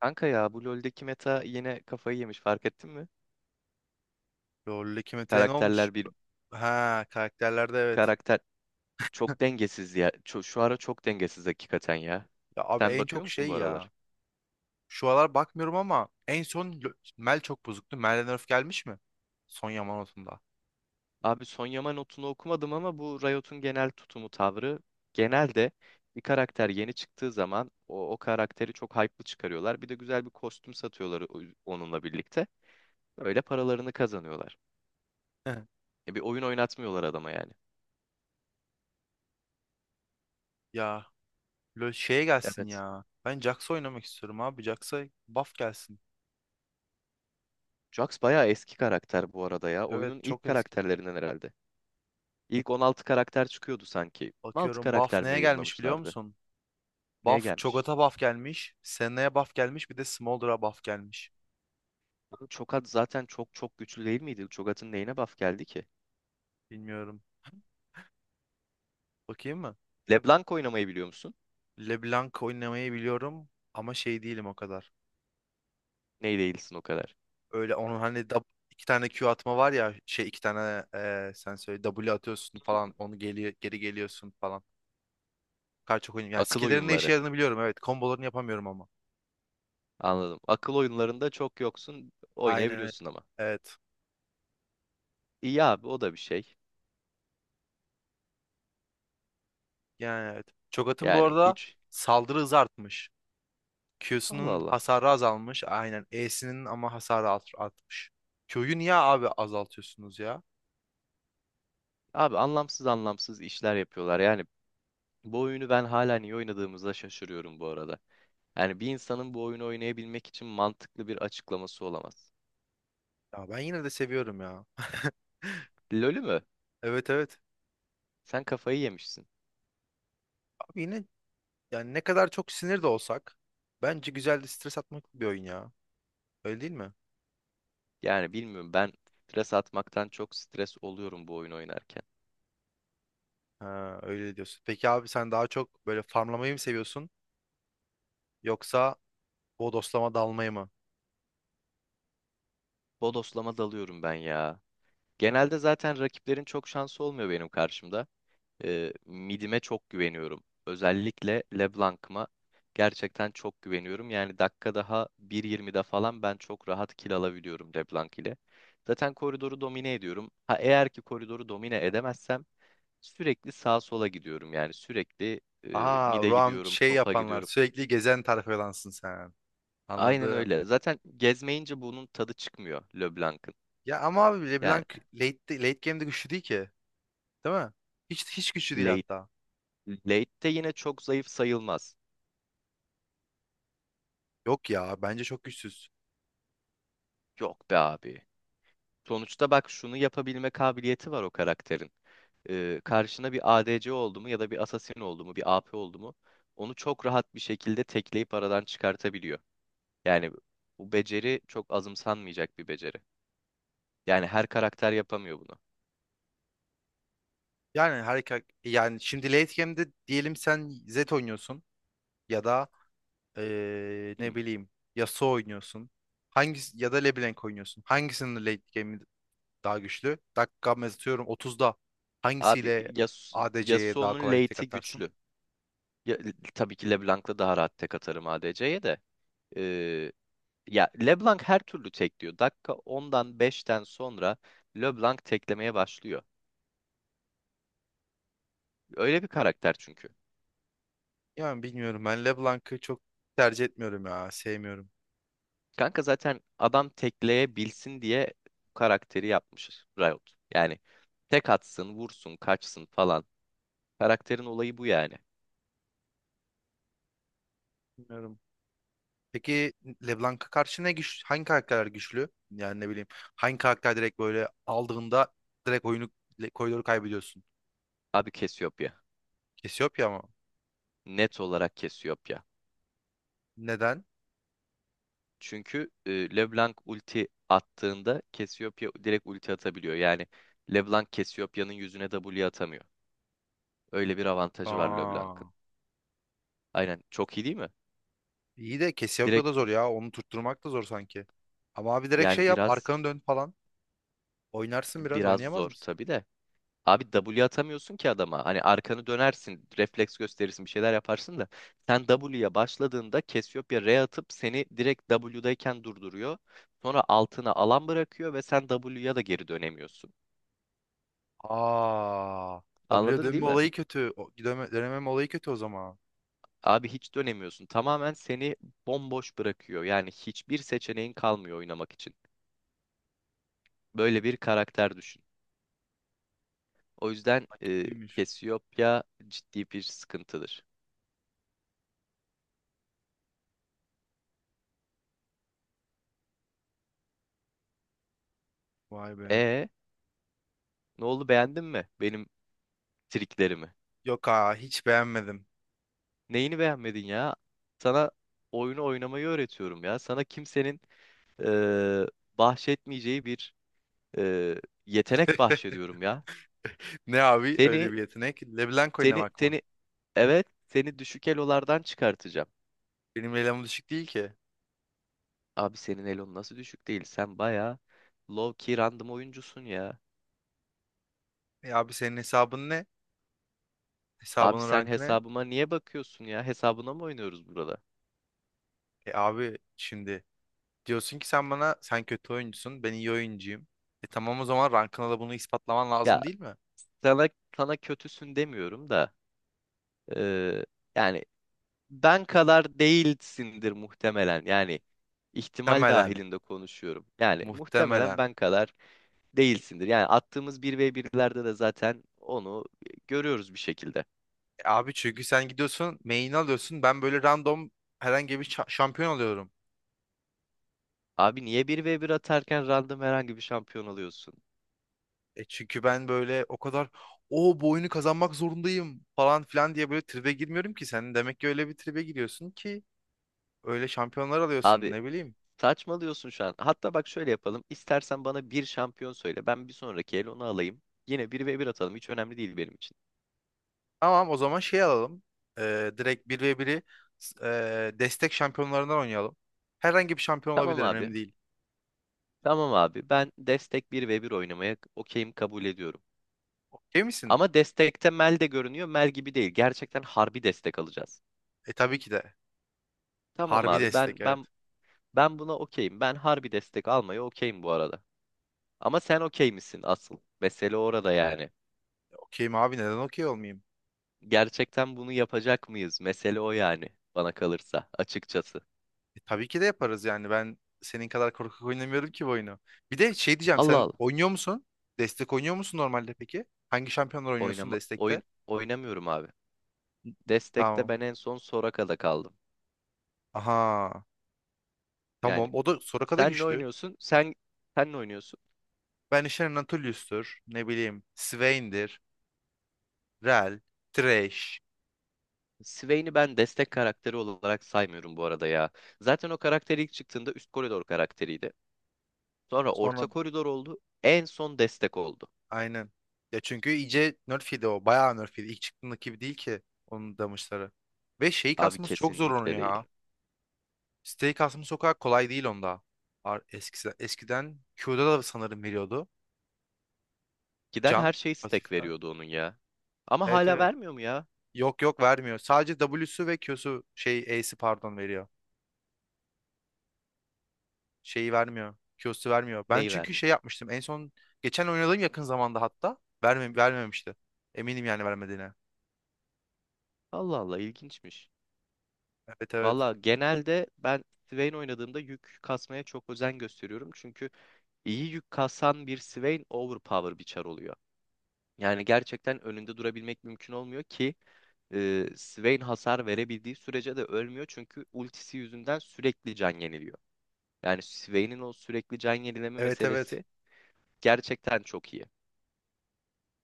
Kanka ya, bu LoL'deki meta yine kafayı yemiş, fark ettin mi? LoL'deki meta ne olmuş? Karakterler bir Ha, karakterlerde evet. karakter çok dengesiz ya. Şu ara çok dengesiz hakikaten ya. Ya abi Sen en bakıyor çok musun bu şey aralar? ya. Şu aralar bakmıyorum ama en son Mel çok bozuktu. Mel'den nerf gelmiş mi? Son Yamanote'unda. Abi Son Yaman notunu okumadım ama bu Riot'un genel tutumu, tavrı, genelde bir karakter yeni çıktığı zaman o karakteri çok hype'lı çıkarıyorlar. Bir de güzel bir kostüm satıyorlar onunla birlikte. Öyle paralarını kazanıyorlar. E, bir oyun oynatmıyorlar adama yani. Ya LoL şeye gelsin Evet. ya. Ben Jax'a oynamak istiyorum abi. Jax'a buff gelsin. Jax bayağı eski karakter bu arada ya. Evet Oyunun ilk çok eski. karakterlerinden herhalde. İlk 16 karakter çıkıyordu sanki. on altı Bakıyorum buff karakter mi neye gelmiş biliyor yayımlamışlardı? musun? Neye gelmiş? Cho'Gath'a buff gelmiş. Senna'ya buff gelmiş. Bir de Smolder'a buff gelmiş. Oğlum Çokat zaten çok çok güçlü değil miydi? Çokat'ın neyine buff geldi ki? Bilmiyorum. Bakayım mı? LeBlanc oynamayı biliyor musun? LeBlanc oynamayı biliyorum ama şey değilim o kadar. Ney değilsin o kadar. Öyle onun hani iki tane Q atma var ya şey iki tane sen söyle W atıyorsun falan onu geri geliyorsun falan. Kar çok oynuyorum. Yani Akıl skill'lerin ne işe oyunları. yaradığını biliyorum, evet. Kombolarını yapamıyorum ama. Anladım. Akıl oyunlarında çok yoksun. Aynen öyle. Oynayabiliyorsun ama. Evet. İyi abi, o da bir şey. Yani evet. Çok atın bu Yani arada hiç. saldırı hızı artmış. Allah Q'sunun Allah. hasarı azalmış. Aynen. E'sinin ama hasarı artmış. Q'yu niye abi azaltıyorsunuz ya? Abi anlamsız anlamsız işler yapıyorlar. Yani bu oyunu ben hala niye oynadığımıza şaşırıyorum bu arada. Yani bir insanın bu oyunu oynayabilmek için mantıklı bir açıklaması olamaz. Ya ben yine de seviyorum ya. LoL'ü mü? Evet, evet. Sen kafayı yemişsin. Abi yine yani ne kadar çok sinir de olsak bence güzel de stres atmak bir oyun ya. Öyle değil mi? Yani bilmiyorum, ben stres atmaktan çok stres oluyorum bu oyun oynarken. Ha, öyle diyorsun. Peki abi sen daha çok böyle farmlamayı mı seviyorsun yoksa bodoslama dalmayı mı? Bodoslama dalıyorum ben ya. Genelde zaten rakiplerin çok şansı olmuyor benim karşımda. Midime çok güveniyorum. Özellikle LeBlanc'ıma gerçekten çok güveniyorum. Yani dakika daha 1.20'de falan ben çok rahat kill alabiliyorum LeBlanc ile. Zaten koridoru domine ediyorum. Ha, eğer ki koridoru domine edemezsem sürekli sağa sola gidiyorum. Yani sürekli Aha, mide Roam gidiyorum, şey topa yapanlar, gidiyorum. sürekli gezen tayfadansın sen. Aynen Anladım. öyle. Zaten gezmeyince bunun tadı çıkmıyor LeBlanc'ın. Ya ama abi LeBlanc Yani late game'de güçlü değil ki. Değil mi? Hiç güçlü değil late, hatta. late de yine çok zayıf sayılmaz. Yok ya, bence çok güçsüz. Yok be abi. Sonuçta bak, şunu yapabilme kabiliyeti var o karakterin. Karşına bir ADC oldu mu, ya da bir Assassin oldu mu, bir AP oldu mu, onu çok rahat bir şekilde tekleyip aradan çıkartabiliyor. Yani bu beceri çok azımsanmayacak bir beceri. Yani her karakter yapamıyor bunu. Yani harika yani şimdi late game'de diyelim sen Zed oynuyorsun ya da ne Hı. bileyim Yasuo oynuyorsun. Hangisi ya da LeBlanc oynuyorsun. Hangisinin late game'i daha güçlü. Dakika atıyorum 30'da Abi hangisiyle Yas A D C'ye daha Yasuo'nun kolay tek late'i atarsın? güçlü. Ya, tabii ki LeBlanc'la daha rahat tek atarım ADC'ye de. Ee, Ya LeBlanc her türlü tekliyor. Dakika ondan beşten sonra LeBlanc teklemeye başlıyor. Öyle bir karakter çünkü. Yani bilmiyorum. Ben LeBlanc'ı çok tercih etmiyorum ya. Sevmiyorum. Kanka zaten adam tekleyebilsin diye bu karakteri yapmış Riot. Yani tek atsın, vursun, kaçsın falan. Karakterin olayı bu yani. Bilmiyorum. Peki LeBlanc'a karşı ne güç, hangi karakterler güçlü? Yani ne bileyim. Hangi karakter direkt böyle aldığında direkt oyunu koridoru kaybediyorsun? Abi Cassiopeia. Cassiopeia mı? Net olarak Cassiopeia. Neden? Çünkü LeBlanc ulti attığında Cassiopeia direkt ulti atabiliyor. Yani LeBlanc Cassiopeia'nın yüzüne W atamıyor. Öyle bir avantajı var Aa, LeBlanc'ın. Aynen, çok iyi değil mi? iyi de Cassiopeia da Direkt. zor ya. Onu tutturmak da zor sanki. Ama abi direkt şey Yani yap. biraz Arkanı dön falan. Oynarsın biraz. biraz Oynayamaz zor mısın? tabii de. Abi W atamıyorsun ki adama. Hani arkanı dönersin, refleks gösterirsin, bir şeyler yaparsın da. Sen W'ya başladığında Cassiopeia R atıp seni direkt W'dayken durduruyor. Sonra altına alan bırakıyor ve sen W'ya da geri dönemiyorsun. Aa, W Anladın değil dönme mi? olayı kötü. O, dönemem olayı kötü o zaman. Abi hiç dönemiyorsun. Tamamen seni bomboş bırakıyor. Yani hiçbir seçeneğin kalmıyor oynamak için. Böyle bir karakter düşün. O yüzden Ha, kötüymüş. Cassiopeia ciddi bir sıkıntıdır. Vay be. E, ne oldu, beğendin mi benim triklerimi? Yok ha, hiç beğenmedim. Neyini beğenmedin ya? Sana oyunu oynamayı öğretiyorum ya. Sana kimsenin e, bahşetmeyeceği bir e, yetenek bahşediyorum ya. Ne abi öyle Seni bir yetenek? LeBlanc seni oynamak mı? seni evet seni düşük elolardan çıkartacağım. Benim level'im düşük değil ki. Abi senin elon nasıl düşük değil? Sen baya low key random oyuncusun ya. E abi senin hesabın ne? Abi Hesabının sen rankı ne? hesabıma niye bakıyorsun ya? Hesabına mı oynuyoruz burada? E abi şimdi diyorsun ki sen bana sen kötü oyuncusun ben iyi oyuncuyum. E tamam o zaman rankına da bunu ispatlaman Ya, lazım değil mi? sana sana kötüsün demiyorum da, eee, yani, ben kadar değilsindir muhtemelen. Yani ihtimal Muhtemelen. dahilinde konuşuyorum. Yani muhtemelen Muhtemelen. ben kadar değilsindir. Yani attığımız bir ve birlerde de zaten onu görüyoruz bir şekilde. E abi çünkü sen gidiyorsun main'i alıyorsun ben böyle random herhangi bir şampiyon alıyorum. Abi niye bir ve bir atarken random herhangi bir şampiyon alıyorsun? E çünkü ben böyle o kadar o bu oyunu kazanmak zorundayım falan filan diye böyle tribe girmiyorum ki. Sen demek ki öyle bir tribe giriyorsun ki öyle şampiyonlar alıyorsun Abi ne bileyim. saçmalıyorsun şu an. Hatta bak, şöyle yapalım. İstersen bana bir şampiyon söyle. Ben bir sonraki el onu alayım. Yine bir ve bir atalım. Hiç önemli değil benim için. Tamam o zaman şey alalım. Direkt bir ve 1'e destek şampiyonlarından oynayalım. Herhangi bir şampiyon Tamam olabilir, abi. önemli değil. Tamam abi. Ben destek bir ve bir oynamaya okeyim, kabul ediyorum. Okey misin? Ama destekte Mel de görünüyor. Mel gibi değil. Gerçekten harbi destek alacağız. E tabii ki de. Tamam Harbi abi. destek, Ben evet. ben ben buna okeyim. Ben harbi destek almaya okeyim bu arada. Ama sen okey misin asıl? Mesele orada yani. Okeyim abi, neden okey olmayayım? Gerçekten bunu yapacak mıyız? Mesele o yani, bana kalırsa açıkçası. E, tabii ki de yaparız yani. Ben senin kadar korkak oynamıyorum ki bu oyunu. Bir de şey diyeceğim, Allah sen Allah. oynuyor musun? Destek oynuyor musun normalde peki? Hangi şampiyonlar oynuyorsun destekte? Oynamıyorum abi. Destekte Tamam. ben en son Soraka'da kaldım. Aha. Yani Tamam. O da Soraka da sen ne güçlü. oynuyorsun? Sen ne oynuyorsun? Ben işte Anatolius'tur. Ne bileyim. Swain'dir. Rell. Thresh. Swain'i ben destek karakteri olarak saymıyorum bu arada ya. Zaten o karakter ilk çıktığında üst koridor karakteriydi. Sonra orta Sonra koridor oldu. En son destek oldu. aynen. Ya çünkü iyice nerf yedi o. Bayağı nerf yedi. İlk çıktığındaki gibi değil ki onun damage'ları. Ve şeyi Abi kasması çok zor onu kesinlikle ya. değil. Steak mı sokak kolay değil onda. Eskiden Q'da da sanırım veriyordu. Giden her Can şey stack pasiften. veriyordu onun ya. Ama Evet, hala evet. vermiyor mu ya? Yok, yok, vermiyor. Sadece W'su ve Q'su şey A'si pardon veriyor. Şeyi vermiyor. Q'su vermiyor. Ben Neyi çünkü vermiyor? şey yapmıştım. En son geçen oynadığım yakın zamanda hatta vermemişti. Eminim yani vermediğine. Allah Allah, ilginçmiş. Evet, evet. Valla genelde ben Swain oynadığımda yük kasmaya çok özen gösteriyorum. Çünkü iyi yük kasan bir Swain overpower bir çar oluyor. Yani gerçekten önünde durabilmek mümkün olmuyor ki, Swain hasar verebildiği sürece de ölmüyor. Çünkü ultisi yüzünden sürekli can yeniliyor. Yani Swain'in o sürekli can yenileme Evet, evet. meselesi gerçekten çok iyi.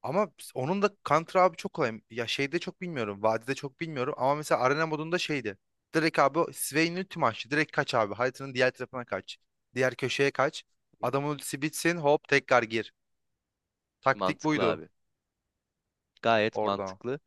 Ama onun da Counter abi çok kolay. Ya şeyde çok bilmiyorum. Vadide çok bilmiyorum. Ama mesela arena modunda şeydi. Direkt abi Swain'in ulti açtı. Direkt kaç abi. Haritanın diğer tarafına kaç. Diğer köşeye kaç. Hı. Adamın ultisi bitsin. Hop tekrar gir. Taktik Mantıklı buydu abi. Gayet orada. mantıklı.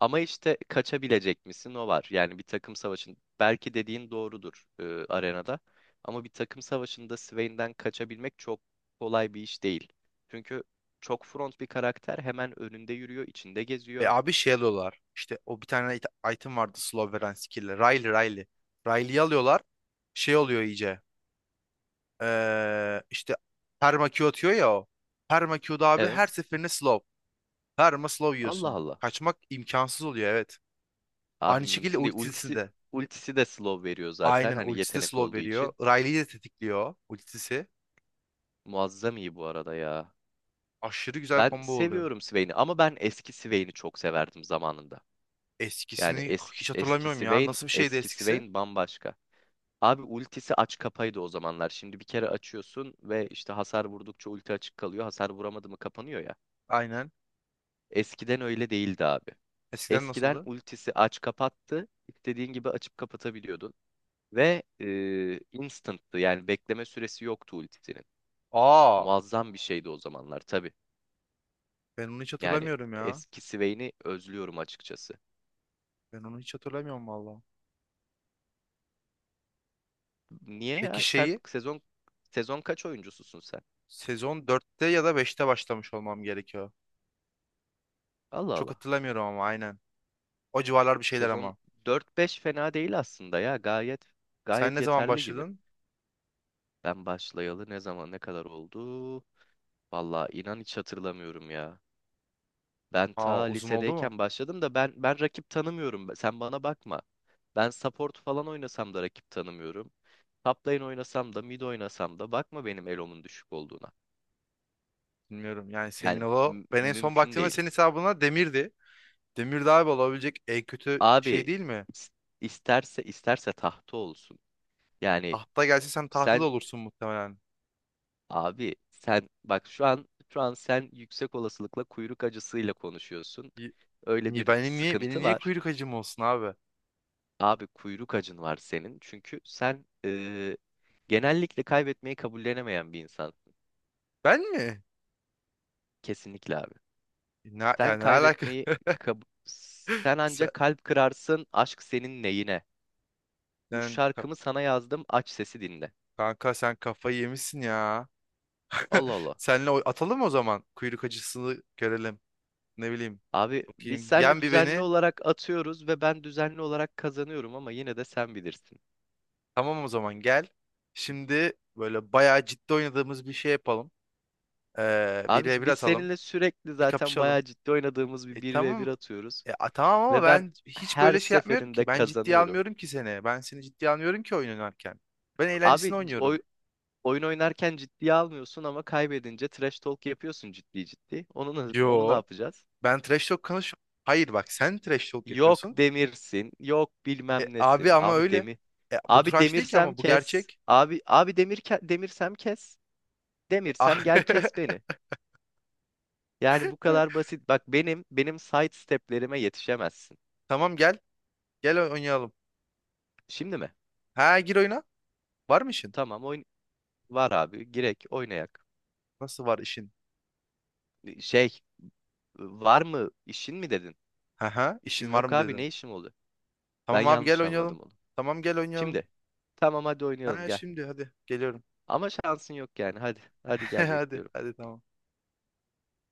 Ama işte kaçabilecek misin, o var. Yani bir takım savaşın belki dediğin doğrudur arenada. Ama bir takım savaşında Swain'den kaçabilmek çok kolay bir iş değil. Çünkü çok front bir karakter hemen önünde yürüyor, içinde Ve geziyor. abi şey alıyorlar. İşte o bir tane item vardı slow veren skill'le. Riley. Riley'yi alıyorlar. Şey oluyor iyice. İşte perma Q atıyor ya o. Perma Q'da abi her Evet. seferinde slow. Her slow Allah yiyorsun. Allah. Kaçmak imkansız oluyor, evet. Abi Aynı şekilde mümkün değil. ultisini Ultisi, de. ultisi de slow veriyor zaten Aynen hani, ultisi de yetenek slow olduğu veriyor. için. Riley'i de tetikliyor ultisi. Muazzam iyi bu arada ya. Aşırı güzel Ben combo oluyor. seviyorum Swain'i ama ben eski Swain'i çok severdim zamanında. Yani Eskisini eski hiç hatırlamıyorum eskisi ya. Vayne, Nasıl bir şeydi eskisi eskisi? Vayne bambaşka. Abi ultisi aç kapaydı o zamanlar. Şimdi bir kere açıyorsun ve işte hasar vurdukça ulti açık kalıyor. Hasar vuramadı mı kapanıyor ya. Aynen. Eskiden öyle değildi abi. Eskiden Eskiden nasıldı? ultisi aç kapattı. İstediğin gibi açıp kapatabiliyordun. Ve instant'tı, yani bekleme süresi yoktu ultisinin. Aa, Muazzam bir şeydi o zamanlar tabii. ben onu hiç Yani hatırlamıyorum ya. eskisi Vayne'i özlüyorum açıkçası. Ben onu hiç hatırlamıyorum valla. Niye Peki ya? Sen şeyi sezon kaç oyuncususun sen? sezon dörtte ya da beşte başlamış olmam gerekiyor. Allah Çok Allah. hatırlamıyorum ama aynen. O civarlar bir şeyler Sezon ama. dört beş fena değil aslında ya. Gayet Sen gayet ne zaman yeterli gibi. başladın? Ben başlayalı ne zaman, ne kadar oldu? Vallahi inan hiç hatırlamıyorum ya. Ben ta Aa, uzun oldu mu? lisedeyken başladım da ben rakip tanımıyorum. Sen bana bakma. Ben support falan oynasam da rakip tanımıyorum. Top lane oynasam da mid oynasam da bakma benim elomun düşük olduğuna. Bilmiyorum yani senin Yani o mü- ben en son mümkün baktığımda senin değil. hesabına demirdi. Demir daha olabilecek en kötü şey Abi değil mi? is- isterse tahta olsun. Yani Tahta gelse sen tahta da sen olursun muhtemelen. Abi sen bak, şu an sen yüksek olasılıkla kuyruk acısıyla konuşuyorsun. Y- Öyle Niye bir benim sıkıntı niye var. kuyruk acım olsun abi? Abi kuyruk acın var senin. Çünkü sen genellikle kaybetmeyi kabullenemeyen bir insan. Ben mi? Kesinlikle abi. Ne, Sen yani ne alaka? kaybetmeyi kab- sen Sen, ancak kalp kırarsın, aşk senin neyine. Bu sen ka- şarkımı sana yazdım, aç sesi dinle. kanka sen kafayı yemişsin ya. Allah Allah. Senle atalım o zaman kuyruk acısını görelim. Ne bileyim. Abi biz Bakayım. seninle Yen bir düzenli beni. olarak atıyoruz ve ben düzenli olarak kazanıyorum, ama yine de sen bilirsin. Tamam o zaman gel. Şimdi böyle bayağı ciddi oynadığımız bir şey yapalım. Bir Abi v bir biz atalım. seninle sürekli Bir zaten kapışalım. bayağı ciddi oynadığımız bir E 1 ve bir tamam. atıyoruz. Tamam ama Ve ben ben hiç her böyle şey yapmıyorum seferinde ki. Ben ciddiye kazanıyorum. almıyorum ki seni. Ben seni ciddiye almıyorum ki oyun oynarken. Ben Abi eğlencesine oynuyorum. oyun oynarken ciddiye almıyorsun ama kaybedince trash talk yapıyorsun ciddi ciddi. Onu ne Yo. yapacağız? Ben trash talk konuş. Hayır bak sen trash talk Yok yapıyorsun. demirsin, yok E, bilmem abi nesin. ama Abi öyle. demir. E, bu Abi trash değil ki demirsem ama bu kes. gerçek. Abi demirsem kes. E, a- Demirsem gel, kes beni. Yani bu kadar basit. Bak, benim side steplerime yetişemezsin. Tamam gel. Gel oynayalım. Şimdi mi? Ha gir oyuna. Var mı işin? Tamam. Var abi. Girek oynayak. Nasıl var işin? Şey Var mı işin mi dedin? Haha, İşim işin var yok mı abi, dedim. ne işim oldu? Ben Tamam abi gel yanlış oynayalım. anladım onu. Tamam gel oynayalım. Şimdi tamam, hadi oynayalım Ha gel. şimdi hadi geliyorum. Ama şansın yok yani, hadi. Hadi gel, Hadi bekliyorum. hadi tamam.